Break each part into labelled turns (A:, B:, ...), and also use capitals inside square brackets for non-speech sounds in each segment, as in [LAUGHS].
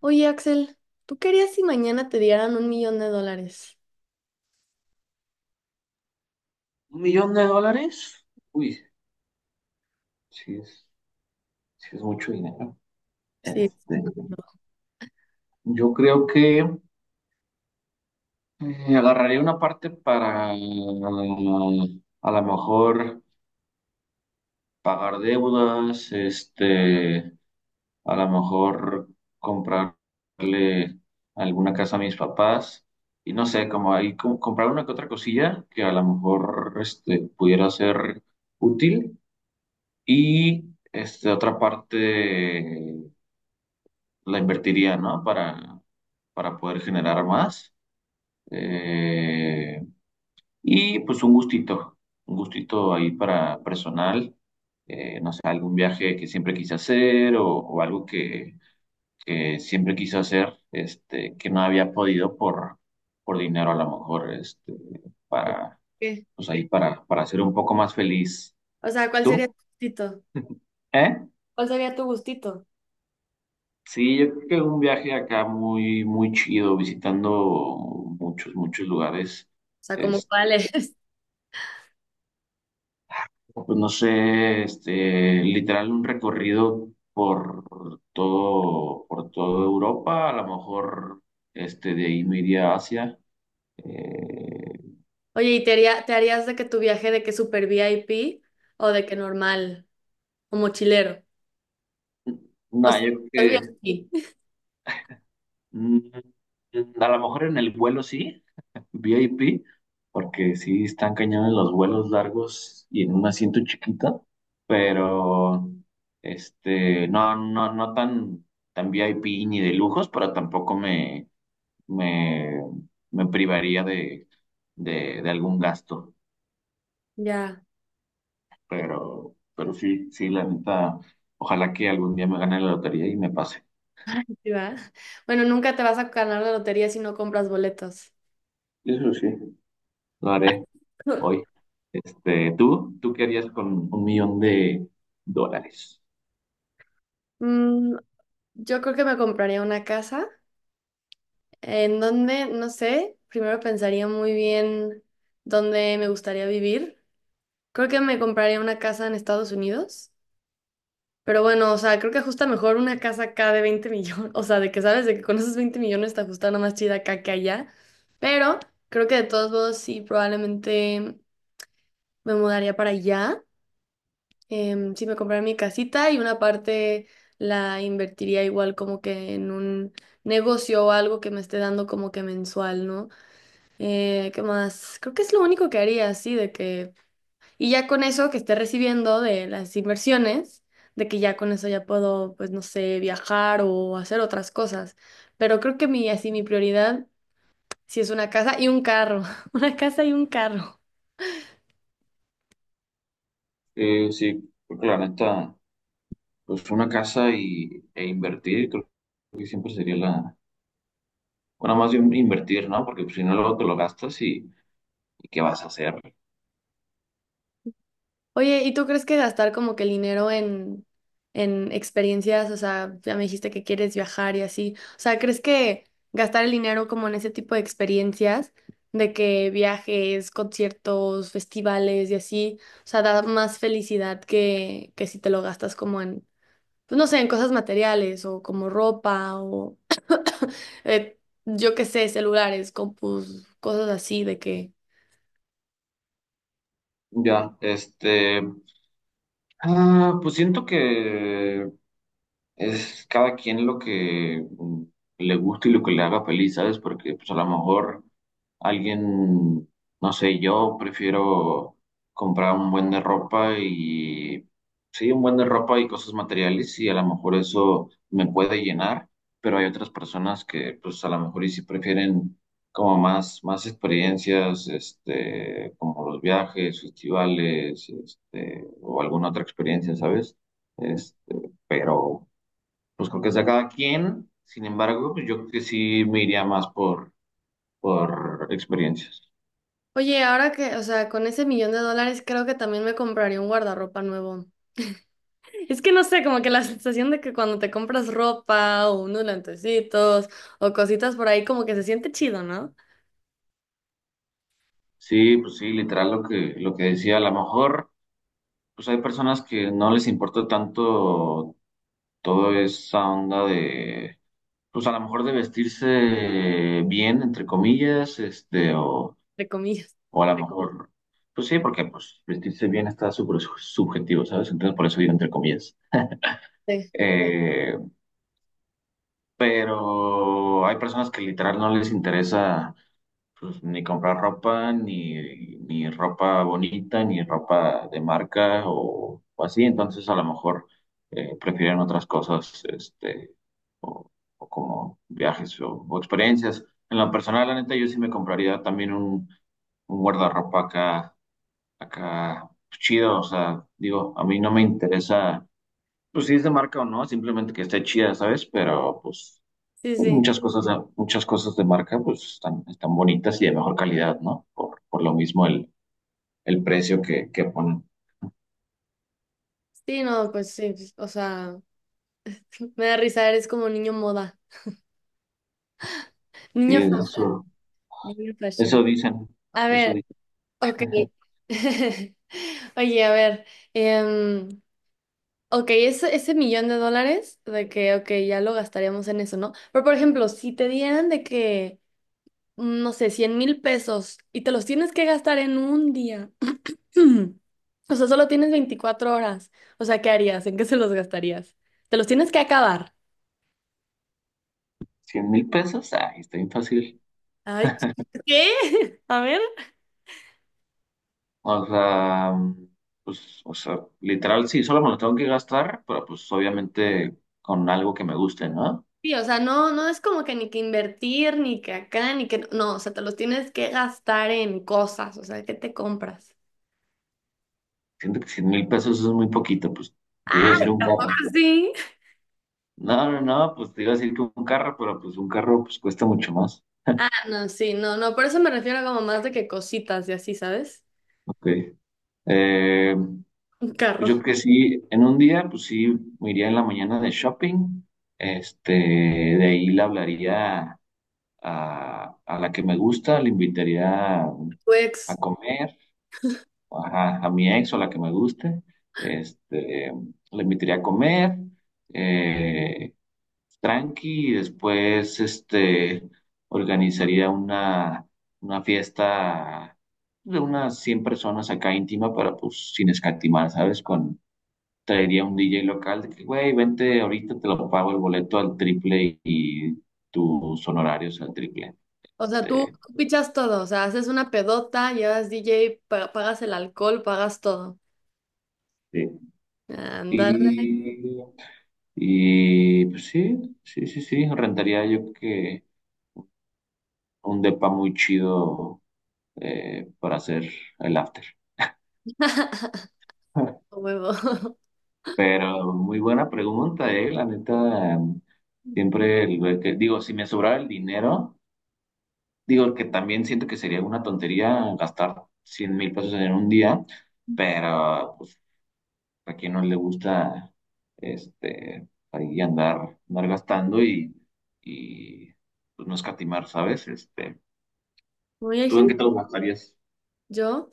A: Oye, Axel, ¿tú querías si mañana te dieran 1.000.000 de dólares?
B: ¿Un millón de dólares? Uy, sí es, sí es mucho dinero.
A: Sí.
B: Este, yo creo que agarraría una parte para a lo mejor pagar deudas, este, a lo mejor comprarle alguna casa a mis papás y no sé, como ahí comprar una que otra cosilla que a lo mejor este, pudiera ser útil y este, otra parte la invertiría, ¿no? Para poder generar más. Eh, y pues un gustito ahí para personal, no sé, algún viaje que siempre quise hacer o algo que siempre quise hacer, este, que no había podido por dinero a lo mejor, este, para,
A: ¿Qué?
B: pues ahí para ser un poco más feliz.
A: O sea, ¿cuál sería tu
B: ¿Tú?
A: gustito?
B: [LAUGHS] ¿Eh?
A: ¿Cuál sería tu gustito? O
B: Sí, yo creo que un viaje acá muy, muy chido, visitando muchos, muchos lugares.
A: sea, ¿como cuál
B: Este,
A: es? [LAUGHS]
B: pues no sé, este, literal un recorrido por todo, por toda Europa, a lo mejor este, de ahí me iría a Asia. Eh,
A: Oye, ¿y te haría- te harías de que tu viaje de que super VIP o de que normal o mochilero? O sea,
B: nada, yo creo
A: el
B: que
A: VIP. [LAUGHS]
B: mm, a lo mejor en el vuelo sí, VIP, porque sí están cañones los vuelos largos y en un asiento chiquito, pero este, no tan, tan VIP ni de lujos, pero tampoco me, me privaría de algún gasto.
A: Ya,
B: Pero sí, sí, la neta, ojalá que algún día me gane la lotería y me pase.
A: sí, va. Bueno, nunca te vas a ganar la lotería si no compras boletos.
B: Eso sí, lo haré hoy.
A: [LAUGHS]
B: Este, ¿tú? ¿Tú qué harías con un millón de dólares?
A: Mm, yo creo que me compraría una casa. ¿En donde? No sé. Primero pensaría muy bien dónde me gustaría vivir. Creo que me compraría una casa en Estados Unidos. Pero bueno, o sea, creo que ajusta mejor una casa acá de 20 millones. [LAUGHS] O sea, de que sabes, de que con esos 20 millones te ajusta una más chida acá que allá. Pero creo que de todos modos sí, probablemente me mudaría para allá. Sí, me compraría mi casita y una parte la invertiría igual como que en un negocio o algo que me esté dando como que mensual, ¿no? ¿Qué más? Creo que es lo único que haría, sí, de que... Y ya con eso que esté recibiendo de las inversiones, de que ya con eso ya puedo, pues no sé, viajar o hacer otras cosas. Pero creo que mi, así, mi prioridad sí es una casa y un carro. [LAUGHS] Una casa y un carro.
B: Sí, creo que la neta, pues una casa e invertir, creo que siempre sería la, bueno, más bien invertir, ¿no? Porque pues, si no, luego te lo gastas y ¿qué vas a hacer?
A: Oye, ¿y tú crees que gastar como que el dinero en experiencias, o sea, ya me dijiste que quieres viajar y así, o sea, ¿crees que gastar el dinero como en ese tipo de experiencias, de que viajes, conciertos, festivales y así, o sea, da más felicidad que si te lo gastas como en, pues no sé, en cosas materiales o como ropa o eh, yo qué sé, celulares, compus, cosas así, de que
B: Ya, este, pues siento que es cada quien lo que le gusta y lo que le haga feliz, ¿sabes? Porque pues a lo mejor alguien, no sé, yo prefiero comprar un buen de ropa y, sí, un buen de ropa y cosas materiales y a lo mejor eso me puede llenar, pero hay otras personas que pues a lo mejor y sí prefieren como más, más experiencias, este, como los viajes, festivales, este, o alguna otra experiencia, ¿sabes? Este, pero pues creo que sea cada quien. Sin embargo, pues yo creo que sí me iría más por experiencias.
A: oye, ahora que, o sea, con ese millón de dólares creo que también me compraría un guardarropa nuevo. Es que no sé, como que la sensación de que cuando te compras ropa o unos lentecitos o cositas por ahí, como que se siente chido, ¿no?
B: Sí, pues sí, literal lo lo que decía, a lo mejor, pues hay personas que no les importa tanto toda esa onda de, pues a lo mejor de vestirse bien, entre comillas, este,
A: Entre comillas.
B: o a lo mejor, pues sí, porque pues vestirse bien está súper subjetivo, ¿sabes? Entonces por eso digo entre comillas.
A: Sí,
B: Eh, pero hay personas que literal no les interesa pues ni comprar ropa, ni, ni ropa bonita, ni ropa de marca o así, entonces a lo mejor prefieren otras cosas, este, o, o como viajes o experiencias. En lo personal, la neta, yo sí me compraría también un guardarropa acá, acá pues, chido, o sea, digo, a mí no me interesa, pues si es de marca o no, simplemente que esté chida, ¿sabes? Pero pues
A: sí,
B: pues
A: sí.
B: muchas cosas, muchas cosas de marca pues están, están bonitas y de mejor calidad, ¿no? Por lo mismo el precio que ponen.
A: Sí, no, pues sí, pues, o sea, me da risa, eres como niño moda.
B: Sí,
A: Niño fashion,
B: eso,
A: niño fashion.
B: eso dicen,
A: A
B: eso
A: ver,
B: dicen.
A: ok. [LAUGHS] Oye, a ver, em, ok, ese millón de dólares, de que, ok, ya lo gastaríamos en eso, ¿no? Pero, por ejemplo, si te dieran de que, no sé, 100.000 pesos y te los tienes que gastar en un día, [CLEARS THROAT] o sea, solo tienes 24 horas, o sea, ¿qué harías? ¿En qué se los gastarías? Te los tienes que acabar.
B: 100 mil pesos, ay, está bien fácil.
A: Ay, ¿qué? [LAUGHS] A ver.
B: O sea, pues, o sea, literal, sí, solo me lo tengo que gastar, pero pues obviamente con algo que me guste, ¿no?
A: Sí, o sea, no, no es como que ni que invertir, ni que acá, ni que... No, o sea, te los tienes que gastar en cosas, o sea, ¿qué te compras?
B: Siento que 100 mil pesos es muy poquito, pues te iba a decir un
A: ¿Ah,
B: carro.
A: ¿Sí?
B: No, no, no, pues te iba a decir que un carro, pero pues un carro pues cuesta mucho más.
A: Ah, no, sí, no, no, por eso me refiero como más de que cositas y así, ¿sabes?
B: Ok. Eh,
A: Un carro,
B: pues yo creo que sí, en un día, pues sí, me iría en la mañana de shopping. Este, de ahí le hablaría a la que me gusta, le invitaría
A: tu
B: a
A: ex.
B: comer, ajá, a, mi ex o la que me guste. Este, le invitaría a comer, eh, tranqui, y después, este, organizaría una fiesta de unas 100 personas acá íntima, para pues sin escatimar, ¿sabes?, con traería un DJ local de que, güey, vente ahorita, te lo pago el boleto al triple y tus honorarios al triple.
A: O sea, tú
B: Este,
A: pichas todo, o sea, haces una pedota, llevas DJ, pa- pagas el alcohol, pagas todo.
B: sí.
A: Ándale,
B: Y, y pues sí, sí, sí, sí, rentaría yo creo que un depa muy chido para hacer el after.
A: [LAUGHS]
B: [LAUGHS]
A: a huevo. [LAUGHS]
B: Pero muy buena pregunta, la neta, siempre el güey que, digo, si me sobrara el dinero. Digo que también siento que sería una tontería gastar 100 mil pesos en un día, pero pues a quien no le gusta este ahí andar, andar gastando y pues no escatimar, ¿sabes? Este,
A: Uy, hay
B: ¿tú en qué
A: gente,
B: te lo gastarías?
A: yo,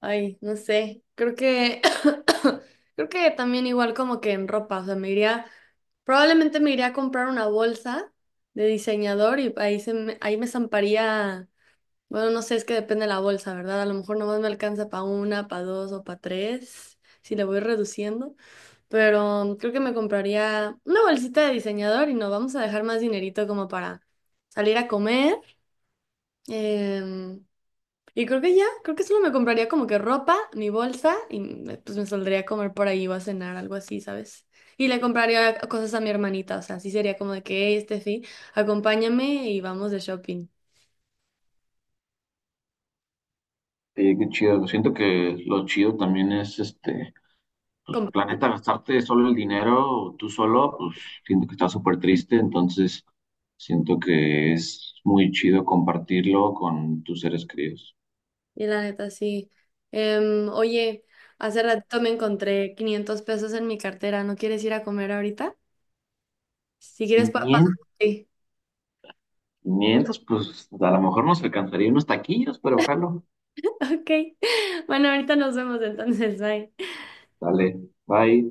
A: ay, no sé, creo que, [COUGHS] creo que también igual como que en ropa, o sea, me iría, probablemente me iría a comprar una bolsa de diseñador y ahí, se me- ahí me zamparía. Bueno, no sé, es que depende de la bolsa, ¿verdad? A lo mejor nomás me alcanza para una, para dos o para tres, si le voy reduciendo, pero creo que me compraría una bolsita de diseñador y nos vamos a dejar más dinerito como para salir a comer. em, y creo que ya, creo que solo me compraría como que ropa, mi bolsa y me- pues me saldría a comer por ahí o a cenar, algo así, ¿sabes? Y le compraría cosas a mi hermanita, o sea, así sería como de que, hey, Steffi, acompáñame y vamos de shopping.
B: Oye, qué chido. Siento que lo chido también es este, pues la neta, gastarte solo el dinero tú solo, pues siento que está súper triste, entonces siento que es muy chido compartirlo con tus seres queridos.
A: Y la neta, sí. Oye, hace ratito me encontré 500 pesos en mi cartera. ¿No quieres ir a comer ahorita? Si quieres, papá.
B: 500,
A: Sí. [LAUGHS]
B: 500, pues a lo mejor nos alcanzaría unos taquillos, pero ojalá.
A: Ok. Bueno, ahorita nos vemos entonces. Bye.
B: Dale, bye.